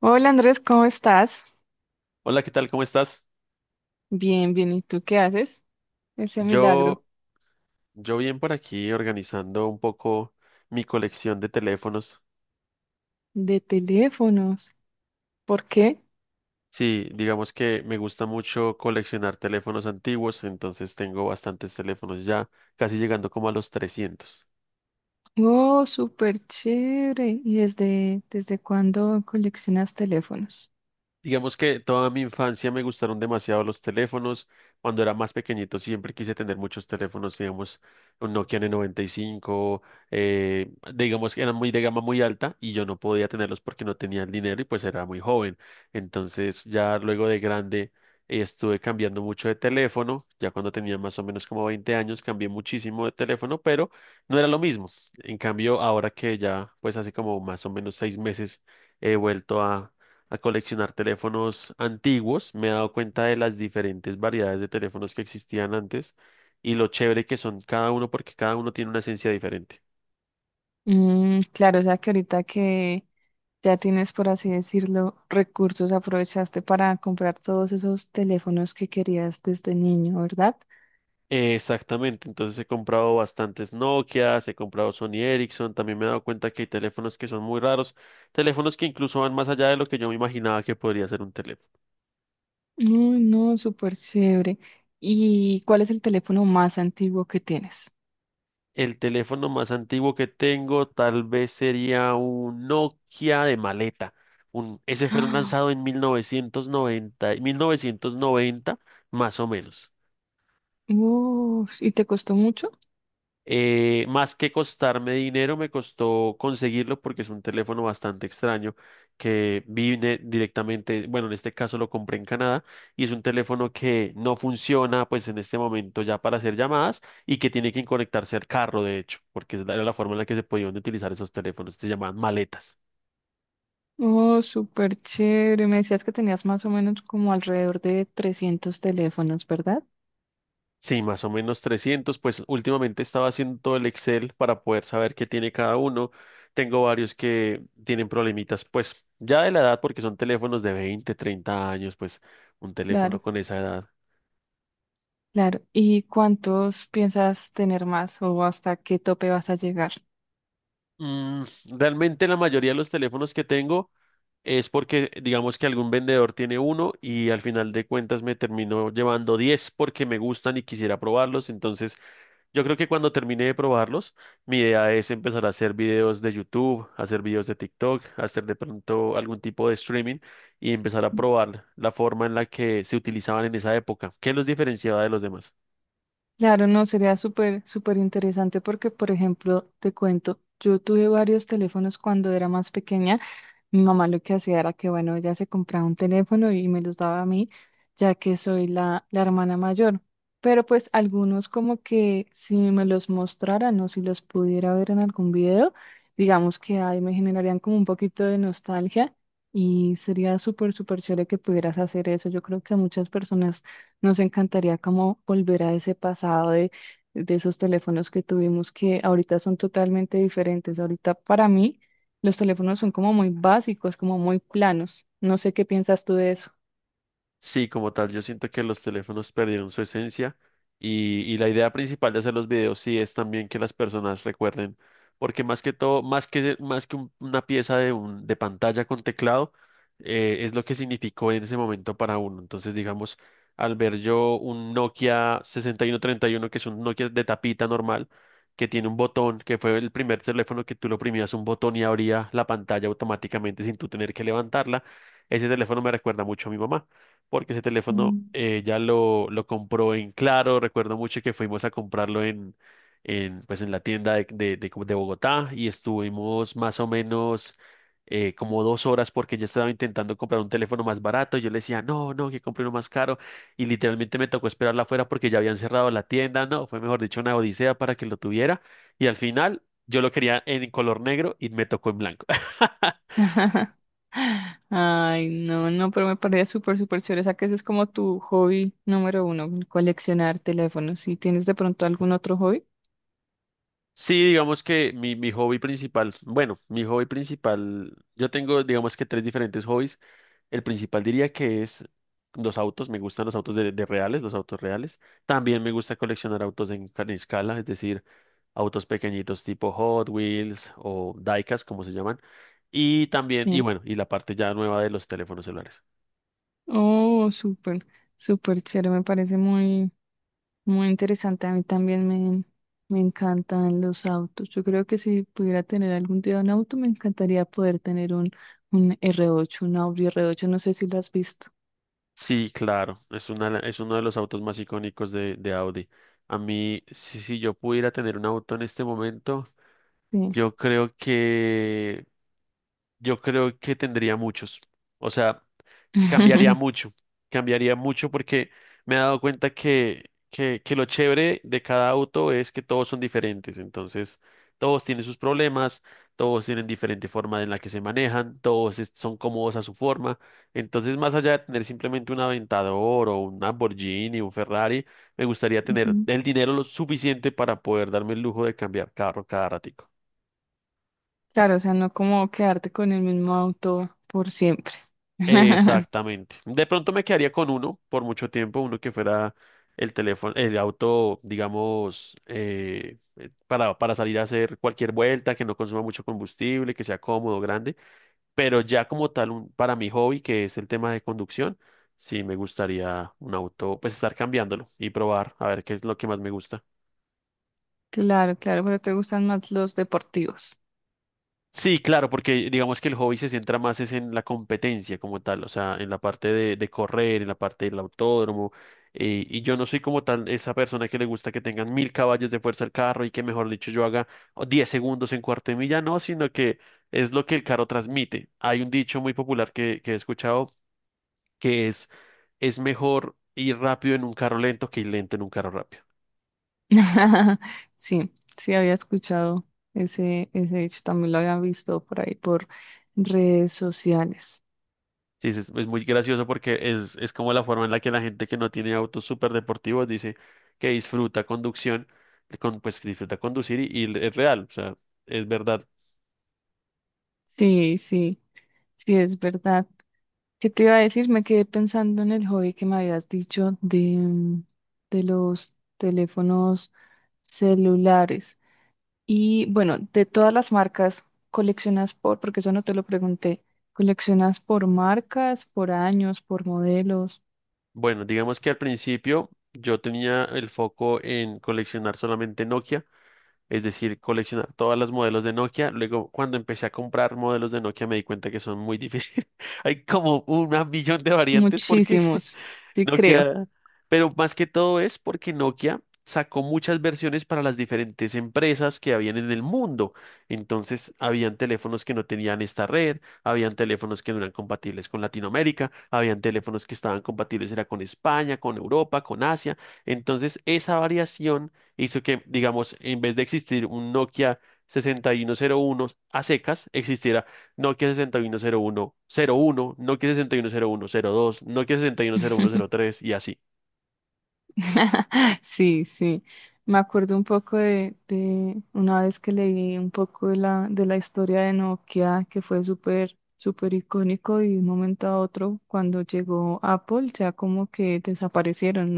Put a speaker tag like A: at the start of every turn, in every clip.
A: Hola Andrés, ¿cómo estás?
B: Hola, ¿qué tal? ¿Cómo estás?
A: Bien, bien. ¿Y tú qué haces? Ese milagro
B: Yo, yo bien por aquí organizando un poco mi colección de teléfonos.
A: de teléfonos. ¿Por qué?
B: Sí, digamos que me gusta mucho coleccionar teléfonos antiguos, entonces tengo bastantes teléfonos ya, casi llegando como a los 300.
A: Oh, súper chévere. ¿Y desde cuándo coleccionas teléfonos?
B: Digamos que toda mi infancia me gustaron demasiado los teléfonos. Cuando era más pequeñito siempre quise tener muchos teléfonos, digamos, un Nokia N95, digamos que eran muy de gama muy alta y yo no podía tenerlos porque no tenía el dinero y pues era muy joven. Entonces ya luego de grande estuve cambiando mucho de teléfono. Ya cuando tenía más o menos como 20 años cambié muchísimo de teléfono, pero no era lo mismo. En cambio, ahora que ya pues hace como más o menos 6 meses he vuelto a coleccionar teléfonos antiguos, me he dado cuenta de las diferentes variedades de teléfonos que existían antes y lo chévere que son cada uno porque cada uno tiene una esencia diferente.
A: Mm, claro, o sea que ahorita que ya tienes, por así decirlo, recursos, aprovechaste para comprar todos esos teléfonos que querías desde niño, ¿verdad?
B: Exactamente, entonces he comprado bastantes Nokias, he comprado Sony Ericsson, también me he dado cuenta que hay teléfonos que son muy raros, teléfonos que incluso van más allá de lo que yo me imaginaba que podría ser un teléfono.
A: Uy, no, súper chévere. ¿Y cuál es el teléfono más antiguo que tienes?
B: El teléfono más antiguo que tengo tal vez sería un Nokia de maleta. Ese fue lanzado en 1990, 1990, más o menos.
A: Uf, ¿y te costó mucho?
B: Más que costarme dinero, me costó conseguirlo porque es un teléfono bastante extraño que vine directamente, bueno, en este caso lo compré en Canadá y es un teléfono que no funciona pues en este momento ya para hacer llamadas y que tiene que conectarse al carro, de hecho, porque es era la forma en la que se podían utilizar esos teléfonos, se llamaban maletas.
A: Oh, súper chévere. Me decías que tenías más o menos como alrededor de 300 teléfonos, ¿verdad?
B: Sí, más o menos 300, pues últimamente estaba haciendo todo el Excel para poder saber qué tiene cada uno. Tengo varios que tienen problemitas, pues ya de la edad, porque son teléfonos de 20, 30 años, pues un teléfono
A: Claro,
B: con esa edad.
A: claro. ¿Y cuántos piensas tener más o hasta qué tope vas a llegar?
B: Mm, realmente la mayoría de los teléfonos que tengo es porque digamos que algún vendedor tiene uno y al final de cuentas me termino llevando 10 porque me gustan y quisiera probarlos, entonces yo creo que cuando termine de probarlos, mi idea es empezar a hacer videos de YouTube, hacer videos de TikTok, hacer de pronto algún tipo de streaming y empezar a probar la forma en la que se utilizaban en esa época, qué los diferenciaba de los demás.
A: Claro, no, sería súper, súper interesante porque, por ejemplo, te cuento, yo tuve varios teléfonos cuando era más pequeña. Mi mamá lo que hacía era que, bueno, ella se compraba un teléfono y me los daba a mí, ya que soy la hermana mayor. Pero pues algunos como que si me los mostraran o si los pudiera ver en algún video, digamos que ahí me generarían como un poquito de nostalgia y sería súper, súper chévere que pudieras hacer eso. Yo creo que a muchas personas nos encantaría como volver a ese pasado de esos teléfonos que tuvimos que ahorita son totalmente diferentes. Ahorita para mí. Los teléfonos son como muy básicos, como muy planos. No sé qué piensas tú de eso.
B: Sí, como tal, yo siento que los teléfonos perdieron su esencia y la idea principal de hacer los videos sí es también que las personas recuerden, porque más que todo, más que una pieza de pantalla con teclado, es lo que significó en ese momento para uno. Entonces, digamos, al ver yo un Nokia 6131, que es un Nokia de tapita normal, que tiene un botón, que fue el primer teléfono que tú lo oprimías un botón y abría la pantalla automáticamente sin tú tener que levantarla, ese teléfono me recuerda mucho a mi mamá porque ese teléfono
A: Mm.
B: ya lo compró en Claro. Recuerdo mucho que fuimos a comprarlo pues en la tienda de como de Bogotá y estuvimos más o menos como 2 horas porque ya estaba intentando comprar un teléfono más barato. Yo le decía, no, no, que compre uno más caro. Y literalmente me tocó esperarla afuera porque ya habían cerrado la tienda. No, fue mejor dicho una odisea para que lo tuviera. Y al final yo lo quería en color negro y me tocó en blanco.
A: Ay, no, no, pero me parece súper, súper chévere. O sea, que ese es como tu hobby número uno, coleccionar teléfonos. ¿Y tienes de pronto algún otro hobby?
B: Sí, digamos que mi hobby principal, bueno, mi hobby principal, yo tengo digamos que tres diferentes hobbies. El principal diría que es los autos, me gustan los autos de reales, los autos reales. También me gusta coleccionar autos en escala, es decir, autos pequeñitos tipo Hot Wheels o Diecast, como se llaman. Y también, y
A: Sí.
B: bueno, y la parte ya nueva de los teléfonos celulares.
A: Oh, súper, súper chévere. Me parece muy, muy interesante. A mí también me encantan los autos. Yo creo que si pudiera tener algún día un auto, me encantaría poder tener un r ocho, un Audi R8. No sé si lo has visto.
B: Sí, claro, es una, es uno de los autos más icónicos de Audi. A mí, si yo pudiera tener un auto en este momento,
A: Sí.
B: yo creo que, yo creo que tendría muchos. O sea, cambiaría mucho, cambiaría mucho porque me he dado cuenta que lo chévere de cada auto es que todos son diferentes. Entonces, todos tienen sus problemas, todos tienen diferente forma en la que se manejan, todos son cómodos a su forma. Entonces, más allá de tener simplemente un Aventador o un Lamborghini, un Ferrari, me gustaría tener
A: Ujú.
B: el dinero lo suficiente para poder darme el lujo de cambiar carro cada rato.
A: Claro, o sea, no como quedarte con el mismo auto por siempre.
B: Exactamente. De pronto me quedaría con uno por mucho tiempo, uno que fuera el teléfono, el auto, digamos, para salir a hacer cualquier vuelta, que no consuma mucho combustible, que sea cómodo, grande. Pero ya como tal, para mi hobby, que es el tema de conducción, sí me gustaría un auto, pues estar cambiándolo y probar a ver qué es lo que más me gusta.
A: Claro, claro, pero te gustan más los deportivos.
B: Sí, claro, porque digamos que el hobby se centra más es en la competencia como tal, o sea, en la parte de correr, en la parte del autódromo, y yo no soy como tal esa persona que le gusta que tengan 1000 caballos de fuerza el carro y que mejor dicho yo haga oh, 10 segundos en cuarto de milla, no, sino que es lo que el carro transmite. Hay un dicho muy popular que he escuchado que es mejor ir rápido en un carro lento que ir lento en un carro rápido.
A: Sí, sí había escuchado ese hecho, también lo había visto por ahí por redes sociales.
B: Sí, es muy gracioso porque es como la forma en la que la gente que no tiene autos súper deportivos dice que disfruta conducción, con, pues que disfruta conducir y es real, o sea, es verdad.
A: Sí, sí, sí, es verdad. ¿Qué te iba a decir? Me quedé pensando en el hobby que me habías dicho de los teléfonos celulares. Y bueno, de todas las marcas, porque eso no te lo pregunté, ¿coleccionas por marcas, por años, por modelos?
B: Bueno, digamos que al principio yo tenía el foco en coleccionar solamente Nokia, es decir, coleccionar todas las modelos de Nokia. Luego, cuando empecé a comprar modelos de Nokia, me di cuenta que son muy difíciles. Hay como un millón de variantes porque
A: Muchísimos, sí creo.
B: Nokia, pero más que todo es porque Nokia sacó muchas versiones para las diferentes empresas que habían en el mundo. Entonces, habían teléfonos que no tenían esta red, habían teléfonos que no eran compatibles con Latinoamérica, habían teléfonos que estaban compatibles era con España, con Europa, con Asia. Entonces, esa variación hizo que, digamos, en vez de existir un Nokia 6101 a secas, existiera Nokia 610101, Nokia 610102, Nokia seis uno cero uno cero tres y así.
A: Sí, sí. Me acuerdo un poco de una vez que leí un poco de la historia de Nokia, que fue súper, súper icónico y de un momento a otro, cuando llegó Apple, ya como que desaparecieron,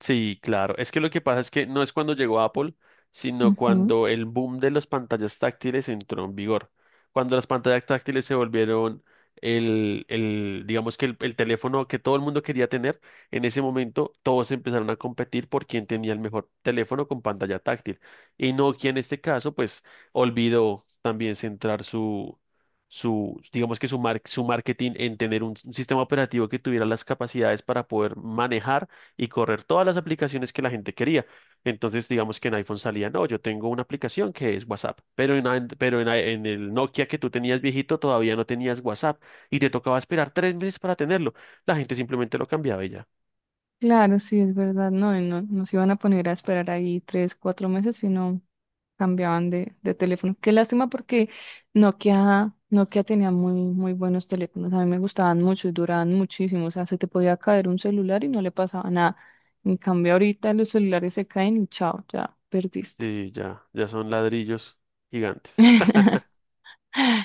B: Sí, claro. Es que lo que pasa es que no es cuando llegó Apple, sino
A: ¿no?
B: cuando el boom de las pantallas táctiles entró en vigor. Cuando las pantallas táctiles se volvieron el digamos que el teléfono que todo el mundo quería tener, en ese momento todos empezaron a competir por quién tenía el mejor teléfono con pantalla táctil. Y Nokia en este caso, pues, olvidó también centrar su, su, digamos que su marketing en tener un sistema operativo que tuviera las capacidades para poder manejar y correr todas las aplicaciones que la gente quería. Entonces, digamos que en iPhone salía, no, yo tengo una aplicación que es WhatsApp, pero en, and- pero en el Nokia que tú tenías viejito todavía no tenías WhatsApp y te tocaba esperar 3 meses para tenerlo. La gente simplemente lo cambiaba y ya.
A: Claro, sí, es verdad, no, y no nos iban a poner a esperar ahí 3, 4 meses, sino cambiaban de teléfono. Qué lástima porque Nokia tenía muy, muy buenos teléfonos, a mí me gustaban mucho y duraban muchísimo, o sea, se te podía caer un celular y no le pasaba nada. En cambio, ahorita los celulares se caen y chao, ya perdiste.
B: Sí, ya, ya son ladrillos gigantes.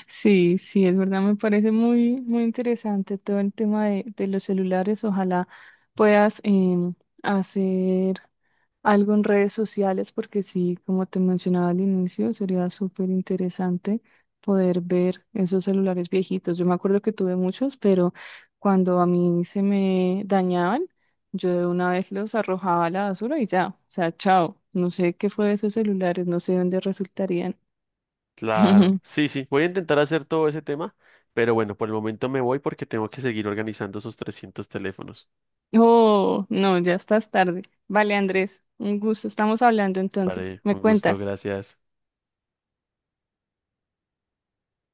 A: Sí, sí, es verdad, me parece muy, muy interesante todo el tema de los celulares. Ojalá puedas hacer algo en redes sociales, porque sí, como te mencionaba al inicio, sería súper interesante poder ver esos celulares viejitos. Yo me acuerdo que tuve muchos, pero cuando a mí se me dañaban, yo de una vez los arrojaba a la basura y ya, o sea, chao. No sé qué fue de esos celulares, no sé dónde resultarían.
B: Claro, sí, sí, voy a intentar hacer todo ese tema, pero bueno, por el momento me voy porque tengo que seguir organizando esos 300 teléfonos.
A: Oh, no, ya estás tarde. Vale, Andrés, un gusto. Estamos hablando entonces.
B: Vale,
A: ¿Me
B: un gusto,
A: cuentas?
B: gracias.